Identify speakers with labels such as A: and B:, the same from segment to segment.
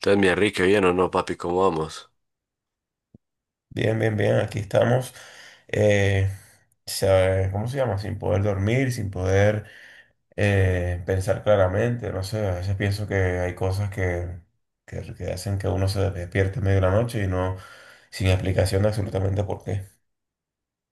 A: Entonces, mi Enrique, bien o no, papi, ¿cómo vamos?
B: Bien, bien, bien, aquí estamos. eh, ¿Cómo se llama? Sin poder dormir, sin poder pensar claramente. No sé, a veces pienso que hay cosas que hacen que uno se despierte en medio de la noche y no, sin explicación de absolutamente por qué.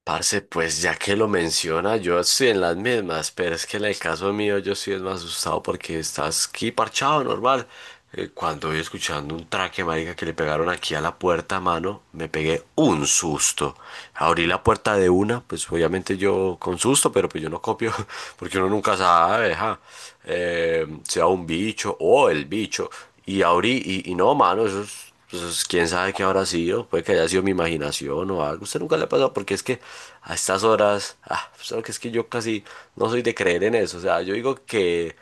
A: Parce, pues ya que lo menciona, yo estoy en las mismas, pero es que en el caso mío yo sí es más asustado porque estás aquí parchado, normal. Cuando voy escuchando un traque, marica, que le pegaron aquí a la puerta, mano, me pegué un susto. Abrí la puerta de una, pues obviamente yo con susto, pero pues yo no copio, porque uno nunca sabe, ja. Sea un bicho o el bicho. Y abrí, y no, mano, eso es. Pues quién sabe qué habrá sido, puede que haya sido mi imaginación o algo. Usted nunca le ha pasado porque es que a estas horas, ah, pues, sabe que es que yo casi no soy de creer en eso. O sea, yo digo que,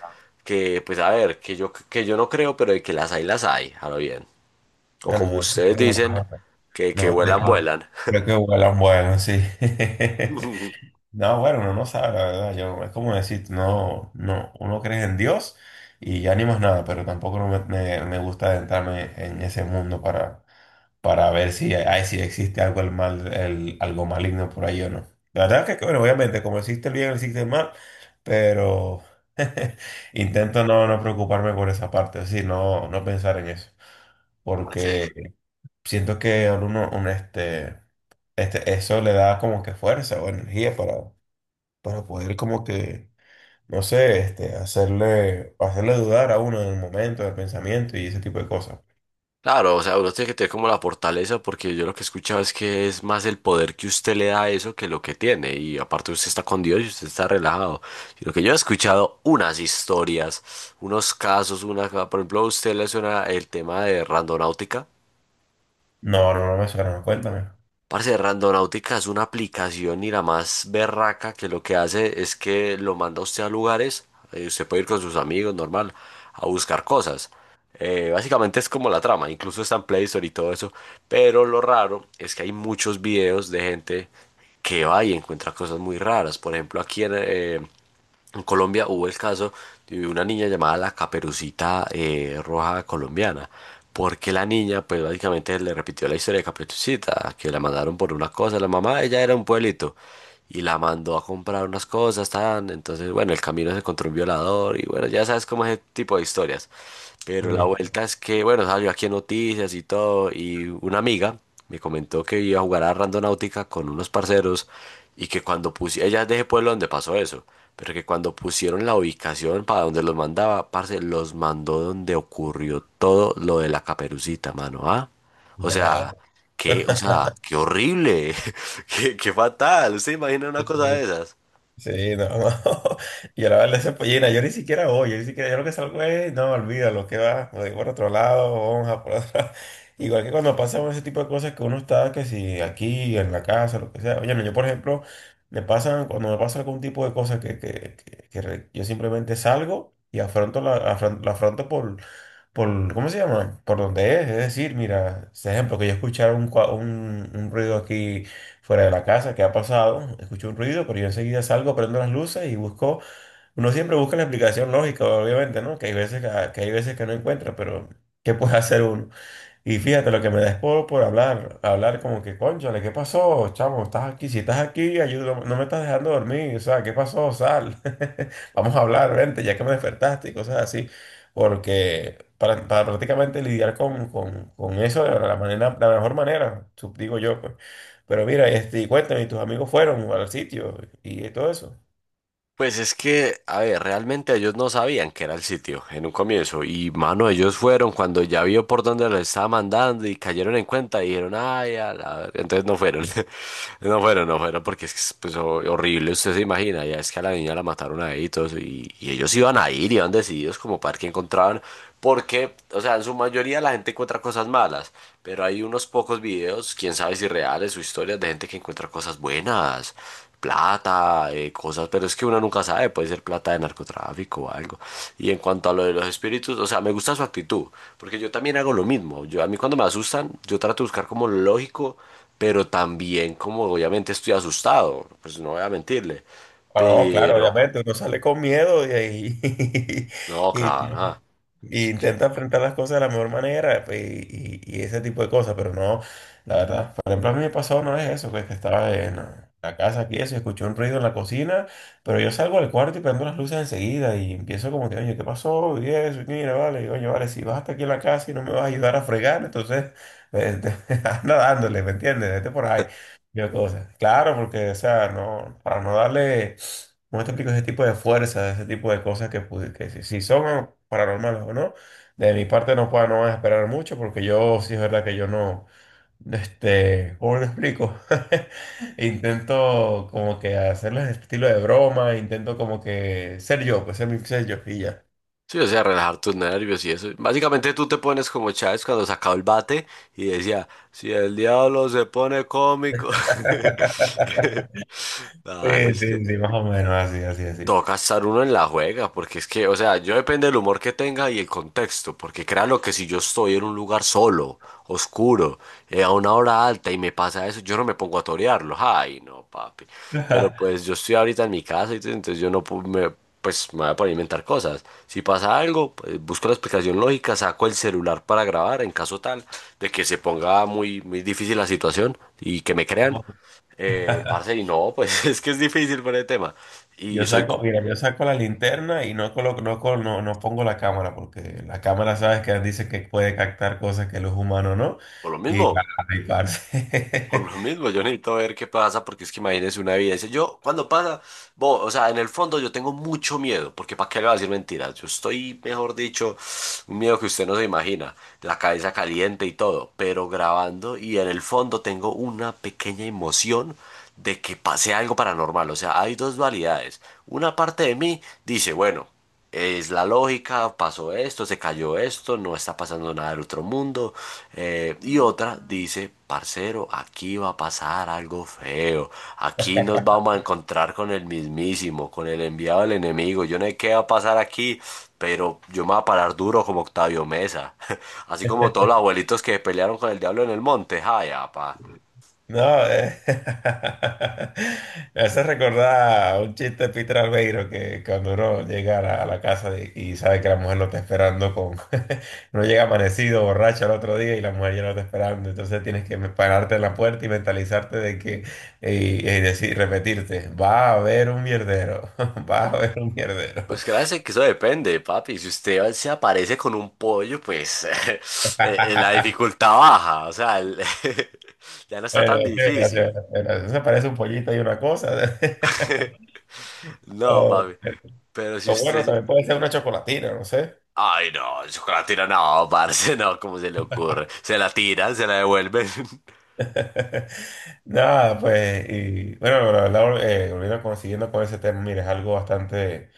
A: pues a ver, que yo no creo, pero de que las hay, ahora bien. O
B: Bueno,
A: como
B: de-
A: ustedes dicen, que
B: no,
A: vuelan, vuelan.
B: que vuelan, vuelan, sí. No, bueno, uno no sabe, la verdad. Yo, es como decir, no, no, uno cree en Dios y ya ni más nada, pero tampoco no me, me- me gusta adentrarme en ese mundo para ver si existe algo, el mal, el, algo maligno por ahí o no. La verdad que, bueno, obviamente, como existe el bien, existe el mal, pero intento no preocuparme por esa parte, es decir, no pensar en eso,
A: Sí.
B: porque siento que a uno, eso le da como que fuerza o energía para poder como que, no sé, hacerle dudar a uno en el momento, del pensamiento y ese tipo de cosas.
A: Claro, o sea, uno tiene que tener como la fortaleza porque yo lo que he escuchado es que es más el poder que usted le da a eso que lo que tiene y aparte usted está con Dios y usted está relajado. Y lo que yo he escuchado unas historias, unos casos, una, por ejemplo, a usted le suena el tema de Randonáutica.
B: No, no, no me suena, cuéntame.
A: Parce, Randonáutica es una aplicación y la más berraca que lo que hace es que lo manda a usted a lugares, usted puede ir con sus amigos, normal, a buscar cosas. Básicamente es como la trama, incluso está en Play Store y todo eso. Pero lo raro es que hay muchos videos de gente que va y encuentra cosas muy raras. Por ejemplo, aquí en Colombia hubo el caso de una niña llamada la Caperucita, Roja Colombiana. Porque la niña, pues básicamente le repitió la historia de Caperucita, que la mandaron por una cosa. La mamá, ella era un pueblito y la mandó a comprar unas cosas, tan. Entonces, bueno, el camino se encontró un violador y bueno, ya sabes cómo es ese tipo de historias. Pero la
B: Sí.
A: vuelta es que, bueno, salió aquí en noticias y todo, y una amiga me comentó que iba a jugar a Randonáutica con unos parceros y que cuando pusieron, ella es de ese pueblo donde pasó eso, pero que cuando pusieron la ubicación para donde los mandaba, parce, los mandó donde ocurrió todo lo de la caperucita, mano, ¿ah? O sea,
B: Da-
A: o sea, qué horrible, qué fatal. ¿Usted imagina una cosa de esas?
B: Sí, no, no. Yo la verdad, esa pollina, yo ni siquiera voy, yo ni siquiera, yo lo que salgo es, no, olvídalo, que va, me voy por otro lado, vamos a por otro igual que cuando pasan ese tipo de cosas que uno está, que si aquí, en la casa, lo que sea. Oye, no, yo por ejemplo, me pasan, cuando me pasa algún tipo de cosas que yo simplemente salgo y afronto la afronto, por, ¿cómo se llama? Por donde es. Es decir, mira, por ejemplo, que yo escuchara un ruido aquí fuera de la casa, ¿qué ha pasado? Escucho un ruido, pero yo enseguida salgo, prendo las luces y busco, uno siempre busca la explicación lógica, obviamente, ¿no? Que hay veces que hay veces que no encuentra, pero ¿qué puede hacer uno? Y fíjate, lo que me da es por hablar como que, cónchale, ¿qué pasó, chamo? Estás aquí, si estás aquí, ayúdame, no me estás dejando dormir, o sea, ¿qué pasó? Sal, vamos a hablar, vente, ya que me despertaste y cosas así, porque para prácticamente lidiar con eso de la manera, la mejor manera, digo yo, pues. Pero mira, este, y cuéntame, ¿y tus amigos fueron al sitio y todo eso?
A: Pues es que, a ver, realmente ellos no sabían que era el sitio en un comienzo y, mano, ellos fueron cuando ya vio por dónde lo estaba mandando y cayeron en cuenta y dijeron, ay, a la ver. Entonces no fueron, no fueron, porque es que es, pues, horrible, usted se imagina, ya es que a la niña la mataron ahí y todo eso y ellos iban a ir, iban decididos como para ver qué encontraban, porque, o sea, en su mayoría la gente encuentra cosas malas, pero hay unos pocos videos, quién sabe si reales o historias de gente que encuentra cosas buenas, plata, cosas, pero es que uno nunca sabe, puede ser plata de narcotráfico o algo. Y en cuanto a lo de los espíritus, o sea, me gusta su actitud, porque yo también hago lo mismo. Yo, a mí cuando me asustan, yo trato de buscar como lo lógico, pero también como obviamente estoy asustado, pues no voy a mentirle.
B: Ah, no, claro,
A: Pero,
B: obviamente, uno sale con miedo y,
A: no,
B: y-
A: claro, ajá.
B: y
A: Es que-
B: intenta enfrentar las cosas de la mejor manera pues, y ese tipo de cosas, pero no, la verdad, por ejemplo, a mí me pasó una vez eso, pues, que estaba en la casa aquí, eso, escuché un ruido en la cocina, pero yo salgo al cuarto y prendo las luces enseguida y empiezo como que, oye, ¿qué pasó? Y eso, y mira, vale, y, oye, vale, si vas hasta aquí en la casa y no me vas a ayudar a fregar, entonces, eh, anda dándole, ¿me entiendes? Vete por ahí. Yo cosa. Claro, porque, o sea, no, para no darle, como te explico, ese tipo de fuerza, ese tipo de cosas que, si son paranormales o no, de mi parte no puedo, no van a esperar mucho, porque yo sí es verdad que yo no, este, ¿cómo lo explico? Intento como que hacerles este estilo de broma, intento como que ser yo, pues ser mi ser yo y ya.
A: Sí, o sea, relajar tus nervios y eso. Básicamente tú te pones como Chávez cuando sacaba el bate y decía, si el diablo se pone cómico. Dale,
B: Sí,
A: es
B: sí,
A: que
B: sí, más o menos, así, así, así.
A: toca estar uno en la juega, porque es que, o sea, yo depende del humor que tenga y el contexto, porque créalo que si yo estoy en un lugar solo, oscuro, a una hora alta y me pasa eso, yo no me pongo a torearlo, ay, no, papi. Pero pues yo estoy ahorita en mi casa, y entonces yo no me, pues me voy a poner a inventar cosas. Si pasa algo, pues, busco la explicación lógica, saco el celular para grabar en caso tal de que se ponga muy, muy difícil la situación y que me crean. Parce, y no, pues, es que es difícil por el tema.
B: Yo
A: Y soy
B: saco, mira, yo saco la linterna y no pongo la cámara, porque la cámara sabes que dice que puede captar cosas que los humanos no,
A: Por lo
B: y para
A: mismo,
B: riparse.
A: yo necesito ver qué pasa, porque es que imagínese una evidencia. Yo, cuando pasa, o sea, en el fondo yo tengo mucho miedo, porque ¿para qué le voy a decir mentiras? Yo estoy, mejor dicho, un miedo que usted no se imagina, la cabeza caliente y todo, pero grabando y en el fondo tengo una pequeña emoción de que pase algo paranormal. O sea, hay dos dualidades. Una parte de mí dice, bueno, es la lógica, pasó esto, se cayó esto, no está pasando nada del otro mundo. Y otra dice, parcero, aquí va a pasar algo feo. Aquí nos vamos a encontrar con el mismísimo, con el enviado del enemigo. Yo no sé qué va a pasar aquí, pero yo me voy a parar duro como Octavio Mesa. Así como todos los abuelitos que pelearon con el diablo en el monte. Ay, apa.
B: No, eh, me hace recordar un chiste de Peter Albeiro que cuando uno llega a a la casa y sabe que la mujer lo está esperando con... uno llega amanecido, borracho al otro día y la mujer ya lo está esperando. Entonces tienes que pararte en la puerta y mentalizarte de que... y decir, repetirte, va a haber un mierdero, va a haber un mierdero.
A: Pues créanse que eso depende, papi. Si usted se aparece con un pollo, pues la dificultad baja. O sea, ya no está
B: Pero,
A: tan
B: o sea,
A: difícil.
B: pero eso parece un pollito y una cosa.
A: No,
B: O,
A: papi. Pero si
B: o bueno,
A: usted...
B: también puede ser una chocolatina, no sé.
A: Ay, no, el chocolate tira, no, parce, no, ¿cómo se le ocurre? Se la tiran, se la devuelven.
B: Nada, pues, y bueno, la verdad, volviendo consiguiendo con ese tema, mira, es algo bastante,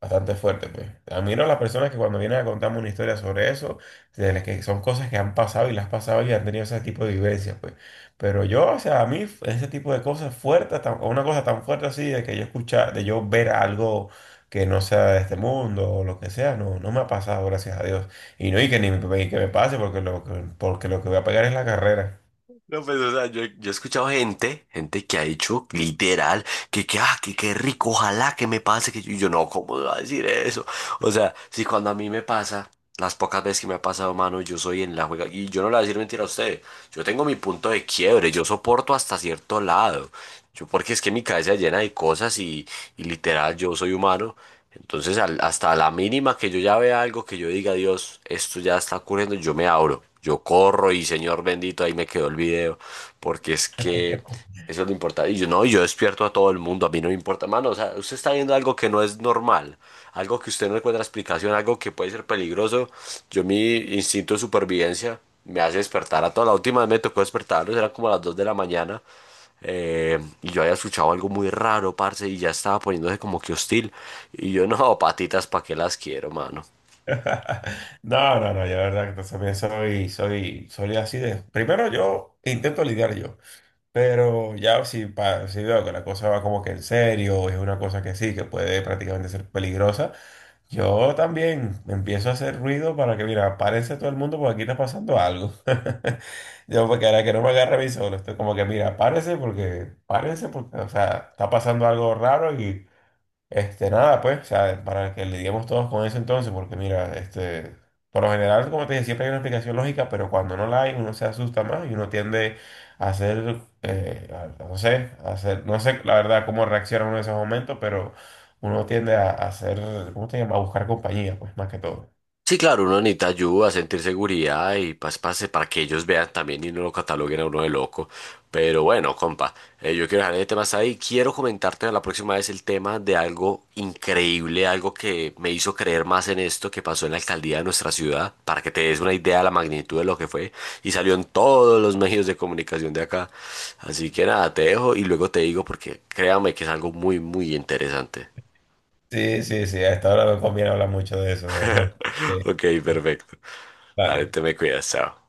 B: bastante fuerte, pues. Admiro a las personas que cuando vienen a contarme una historia sobre eso, de las que son cosas que han pasado y las han pasado y han tenido ese tipo de vivencias, pues. Pero yo, o sea, a mí ese tipo de cosas fuertes, una cosa tan fuerte así, de que yo escuchar, de yo ver algo que no sea de este mundo o lo que sea, no, no me ha pasado, gracias a Dios. Y no, y que ni me, y que me pase, porque porque lo que voy a pegar es la carrera.
A: No, pues, o sea, yo he escuchado gente, que ha dicho literal ah, qué rico, ojalá que me pase, que yo, y yo, no, ¿cómo me va a decir eso? O sea, si cuando a mí me pasa, las pocas veces que me ha pasado, mano, yo soy en la juega, y yo no le voy a decir mentira a usted, yo tengo mi punto de quiebre, yo soporto hasta cierto lado. Yo, porque es que mi cabeza llena de cosas y, literal, yo soy humano. Entonces, hasta la mínima que yo ya vea algo que yo diga, Dios, esto ya está ocurriendo, yo me abro, yo corro y Señor bendito, ahí me quedó el video, porque es que eso es lo importante. Y yo no, yo despierto a todo el mundo, a mí no me importa, mano, o sea, usted está viendo algo que no es normal, algo que usted no encuentra explicación, algo que puede ser peligroso. Yo mi instinto de supervivencia me hace despertar a toda la última vez me tocó despertarlos, eran como a las 2 de la mañana. Y yo había escuchado algo muy raro, parce, y ya estaba poniéndose como que hostil. Y yo, no, patitas, ¿para qué las quiero, mano?
B: No, no, no, yo la verdad que también soy así de... Primero yo intento lidiar yo, pero ya si, si veo que la cosa va como que en serio, es una cosa que sí, que puede prácticamente ser peligrosa, yo también empiezo a hacer ruido para que, mira, párense todo el mundo porque aquí está pasando algo. Yo, porque ahora que no me agarre a mí solo, estoy como que, mira, párense porque, o sea, está pasando algo raro este, nada, pues, o sea, para que lidiemos todos con eso entonces, porque mira, este, por lo general, como te dije, siempre hay una explicación lógica, pero cuando no la hay, uno se asusta más y uno tiende a hacer, no sé, a hacer, no sé la verdad cómo reacciona uno en esos momentos, pero uno tiende a hacer, ¿cómo se llama? A buscar compañía, pues, más que todo.
A: Sí, claro, uno necesita ayuda, sentir seguridad y pase, pase para que ellos vean también y no lo cataloguen a uno de loco. Pero bueno, compa, yo quiero dejar ese tema hasta ahí. Quiero comentarte la próxima vez el tema de algo increíble, algo que me hizo creer más en esto que pasó en la alcaldía de nuestra ciudad, para que te des una idea de la magnitud de lo que fue y salió en todos los medios de comunicación de acá. Así que nada, te dejo y luego te digo porque créame que es algo muy, muy interesante.
B: Sí, sí, sí, a esta hora no conviene hablar mucho de eso, ¿no? Sí,
A: Ok, perfecto. Dale,
B: vale.
A: te me cuidas, chao.